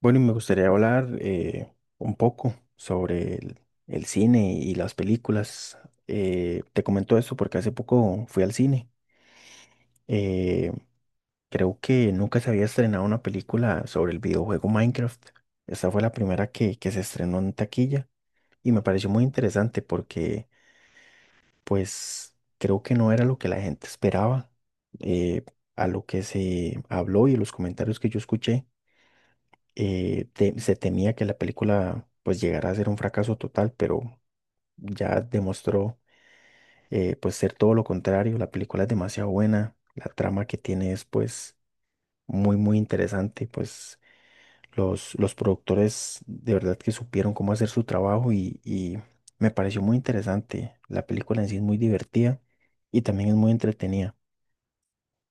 Bueno, y me gustaría hablar un poco sobre el cine y las películas. Te comento esto porque hace poco fui al cine. Eh, Creo que nunca se había estrenado una película sobre el videojuego Minecraft. Esta fue la primera que se estrenó en taquilla y me pareció muy interesante porque pues creo que no era lo que la gente esperaba, eh, a lo que se habló y los comentarios que yo escuché. Se temía que la película pues llegara a ser un fracaso total, pero ya demostró, pues, ser todo lo contrario. La película es demasiado buena, la trama que tiene es pues muy muy interesante. Pues los productores de verdad que supieron cómo hacer su trabajo y me pareció muy interesante. La película en sí es muy divertida y también es muy entretenida.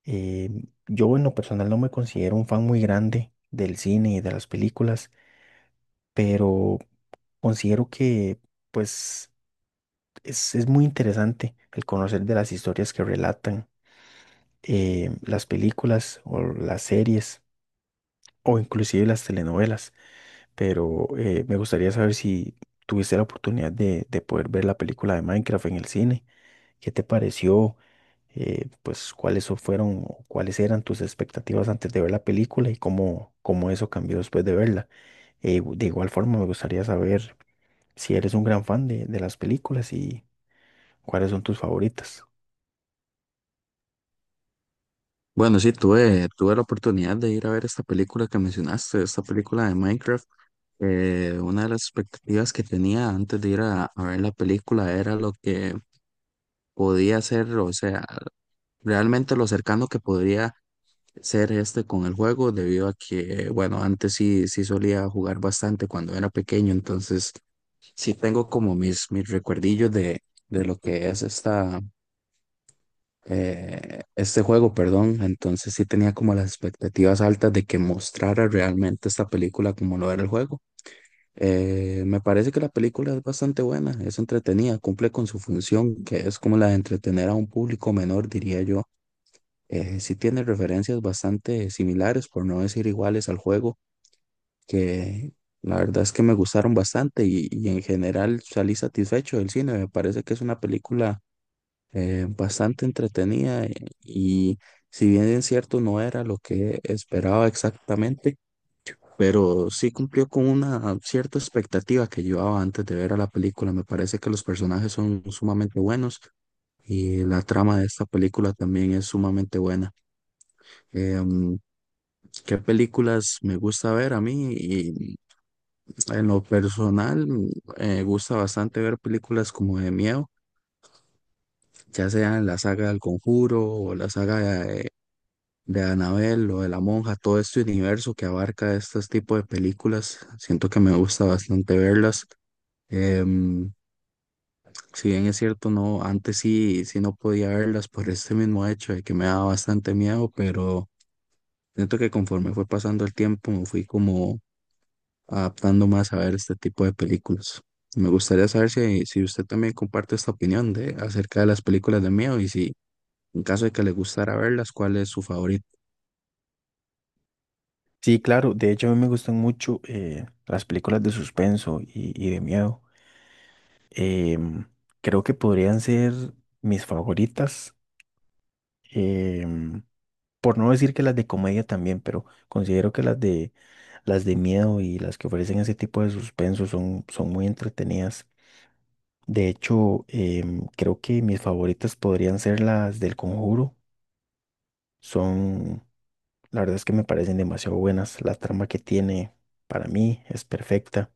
Eh, yo en lo personal no me considero un fan muy grande del cine y de las películas, pero considero que, pues, es muy interesante el conocer de las historias que relatan las películas o las series o inclusive las telenovelas. Pero me gustaría saber si tuviste la oportunidad de poder ver la película de Minecraft en el cine. ¿Qué te pareció? Pues, fueron o cuáles eran tus expectativas antes de ver la película y cómo eso cambió después de verla? De igual forma, me gustaría saber si eres un gran fan de las películas. ¿Y cuáles son tus favoritas? Bueno, sí, tuve la oportunidad de ir a ver esta película que mencionaste, esta película de Minecraft. Una de las expectativas que tenía antes de ir a ver la película era lo que podía ser, o sea, realmente lo cercano que podría ser este con el juego, debido a que, bueno, antes sí solía jugar bastante cuando era pequeño, entonces sí tengo como mis recuerdillos de lo que es esta este juego, perdón, entonces sí tenía como las expectativas altas de que mostrara realmente esta película como lo era el juego. Me parece que la película es bastante buena, es entretenida, cumple con su función, que es como la de entretener a un público menor, diría yo. Sí tiene referencias bastante similares, por no decir iguales al juego, que la verdad es que me gustaron bastante y en general salí satisfecho del cine. Me parece que es una película bastante entretenida, y si bien es cierto no era lo que esperaba exactamente, pero sí cumplió con una cierta expectativa que llevaba antes de ver a la película. Me parece que los personajes son sumamente buenos y la trama de esta película también es sumamente buena. Em, ¿Qué películas me gusta ver a mí? Y en lo personal, me gusta bastante ver películas como de miedo, ya sea en la saga del Conjuro o la saga de Annabelle o de La Monja, todo este universo que abarca estos tipos de películas, siento que me gusta bastante verlas. Em, si bien es cierto, no, antes sí no podía verlas por este mismo hecho de que me daba bastante miedo, pero siento que conforme fue pasando el tiempo me fui como adaptando más a ver este tipo de películas. Me gustaría saber si, si usted también comparte esta opinión de, acerca de las películas de miedo y si en caso de que le gustara verlas, ¿cuál es su favorito? Sí, claro. De hecho, a mí me gustan mucho, las películas de suspenso y de miedo. Em, Creo que podrían ser mis favoritas. em, por no decir que las de comedia también, pero considero que las de miedo y las que ofrecen ese tipo de suspenso son, son muy entretenidas. De hecho, creo que mis favoritas podrían ser las del Conjuro. Son... La verdad es que me parecen demasiado buenas. La trama que tiene para mí es perfecta.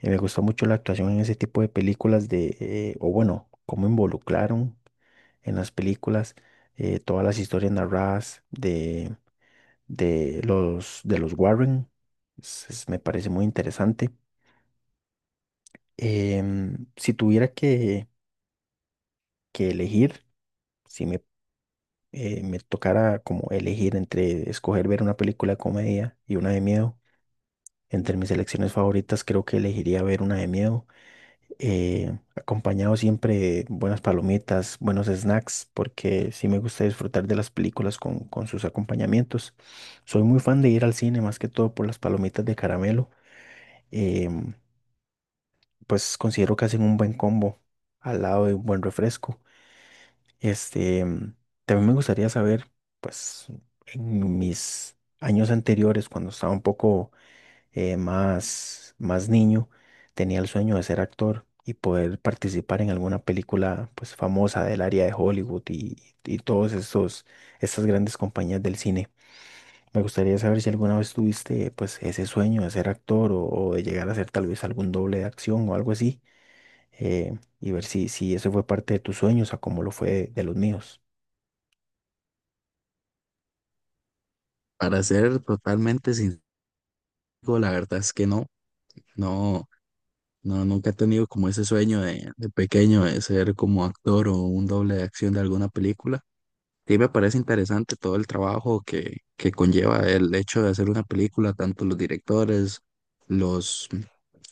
Y me gustó mucho la actuación en ese tipo de películas de, o bueno, cómo involucraron en las películas todas las historias narradas de los Warren. Me parece muy interesante. Si tuviera que elegir, si me, me tocara como elegir entre escoger ver una película de comedia y una de miedo, entre mis selecciones favoritas creo que elegiría ver una de miedo, acompañado siempre de buenas palomitas, buenos snacks, porque sí me gusta disfrutar de las películas con sus acompañamientos. Soy muy fan de ir al cine, más que todo por las palomitas de caramelo. em, pues considero que hacen un buen combo al lado de un buen refresco. Este, em, También me gustaría saber, pues, en mis años anteriores, cuando estaba un poco más niño, tenía el sueño de ser actor y poder participar en alguna película pues famosa del área de Hollywood y todos estas grandes compañías del cine. Me gustaría saber si alguna vez tuviste pues ese sueño de ser actor o de llegar a ser tal vez algún doble de acción o algo así, y ver si eso fue parte de tus sueños o como lo fue de los míos. Para ser totalmente sincero, la verdad es que no, no, nunca he tenido como ese sueño de pequeño de ser como actor o un doble de acción de alguna película. Sí me parece interesante todo el trabajo que conlleva el hecho de hacer una película, tanto los directores, los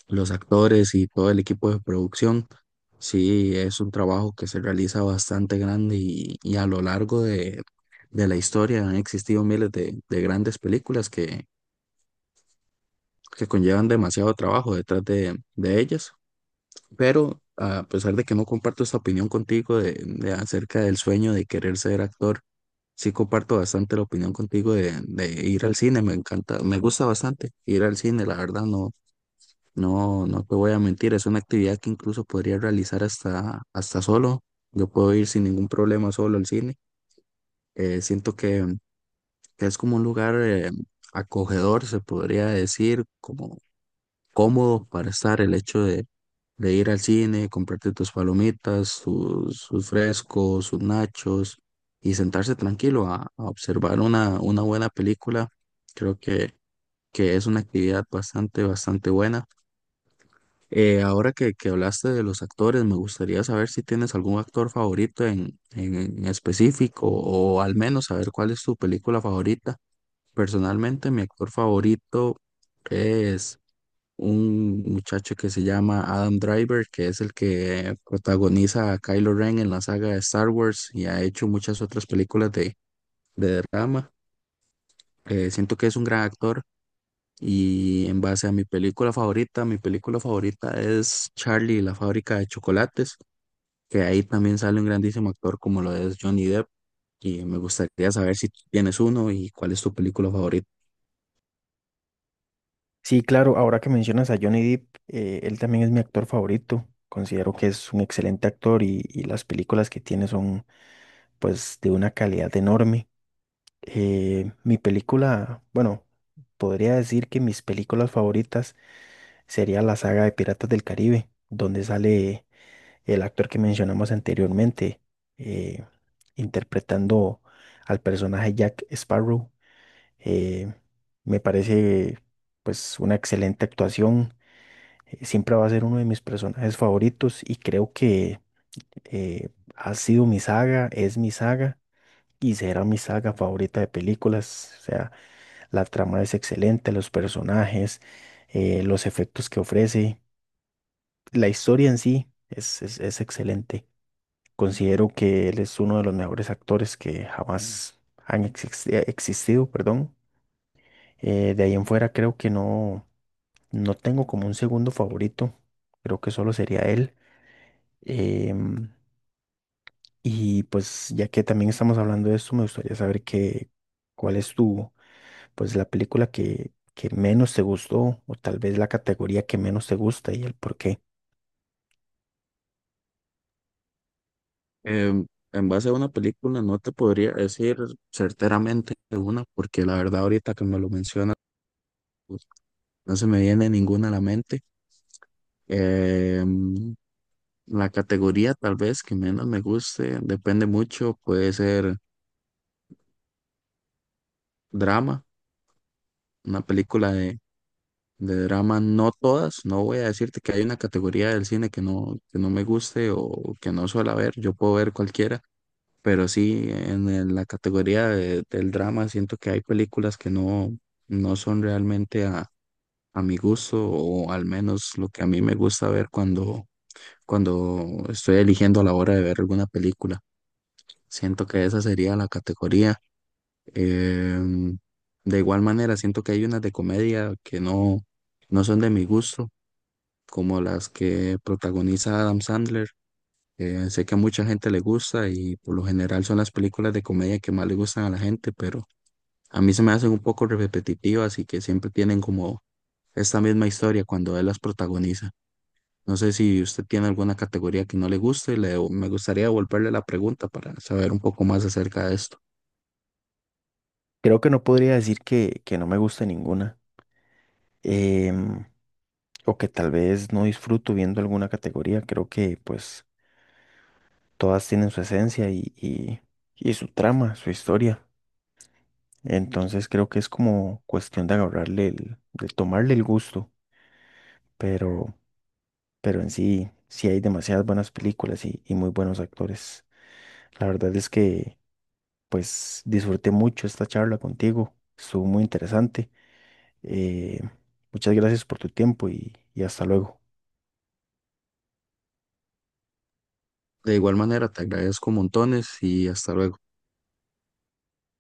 los actores y todo el equipo de producción. Sí, es un trabajo que se realiza bastante grande y a lo largo de la historia han existido miles de grandes películas que conllevan demasiado trabajo detrás de ellas. Pero a pesar de que no comparto esta opinión contigo de acerca del sueño de querer ser actor, sí comparto bastante la opinión contigo de ir al cine. Me encanta, me gusta bastante ir al cine, la verdad, no, no, no te voy a mentir, es una actividad que incluso podría realizar hasta solo. Yo puedo ir sin ningún problema solo al cine. Siento que es como un lugar acogedor, se podría decir, como cómodo para estar el hecho de ir al cine, comprarte tus palomitas, tus, sus frescos, sus nachos y sentarse tranquilo a observar una buena película. Creo que es una actividad bastante, bastante buena. Ahora que hablaste de los actores, me gustaría saber si tienes algún actor favorito en específico o al menos saber cuál es tu película favorita. Personalmente, mi actor favorito es un muchacho que se llama Adam Driver, que es el que protagoniza a Kylo Ren en la saga de Star Wars y ha hecho muchas otras películas de drama. Siento que es un gran actor. Y en base a mi película favorita es Charlie y la fábrica de chocolates, que ahí también sale un grandísimo actor como lo es Johnny Depp. Y me gustaría saber si tú tienes uno y cuál es tu película favorita. Sí, claro, ahora que mencionas a Johnny Depp, él también es mi actor favorito. Considero que es un excelente actor y las películas que tiene son pues de una calidad enorme. Mi película, bueno, podría decir que mis películas favoritas sería la saga de Piratas del Caribe, donde sale el actor que mencionamos anteriormente, eh, interpretando al personaje Jack Sparrow. Eh, Me parece pues una excelente actuación. Siempre va a ser uno de mis personajes favoritos y creo que eh, ha sido mi saga, es mi saga y será mi saga favorita de películas. O sea, la trama es excelente, los personajes, los efectos que ofrece, la historia en sí es excelente. Considero que él es uno de los mejores actores que jamás existido, perdón. De ahí en fuera creo que no, no tengo como un segundo favorito, creo que solo sería él. Em, y pues ya que también estamos hablando de esto, me gustaría saber qué, cuál es tu, pues la película que menos te gustó o tal vez la categoría que menos te gusta y el por qué. Em, en base a una película no te podría decir certeramente una, porque la verdad ahorita que me lo mencionas, pues, no se me viene ninguna a la mente. Em, la categoría tal vez que menos me guste, depende mucho, puede ser drama, una película de drama, no todas, no voy a decirte que hay una categoría del cine que no me guste o que no suelo ver, yo puedo ver cualquiera, pero sí en, el- la categoría de- del drama siento que hay películas que no, no son realmente a mi gusto o al menos lo que a mí me gusta ver cuando, cuando estoy eligiendo a la hora de ver alguna película. Siento que esa sería la categoría. Em, de igual manera, siento que hay unas de comedia que no, no son de mi gusto, como las que protagoniza Adam Sandler. Sé que a mucha gente le gusta y por lo general son las películas de comedia que más le gustan a la gente, pero a mí se me hacen un poco repetitivas y que siempre tienen como esta misma historia cuando él las protagoniza. No sé si usted tiene alguna categoría que no le guste, le, me gustaría devolverle la pregunta para saber un poco más acerca de esto. Creo que no podría decir que no me gusta ninguna, em, o que tal vez no disfruto viendo alguna categoría. Creo que pues todas tienen su esencia y su trama, su historia. Entonces creo que es como cuestión de agarrarle el, de tomarle el gusto, pero... pero en sí, sí hay demasiadas buenas películas y muy buenos actores. La verdad es que, pues, disfruté mucho esta charla contigo, estuvo muy interesante. Eh, Muchas gracias por tu tiempo y hasta luego. De igual manera, te agradezco montones y hasta luego.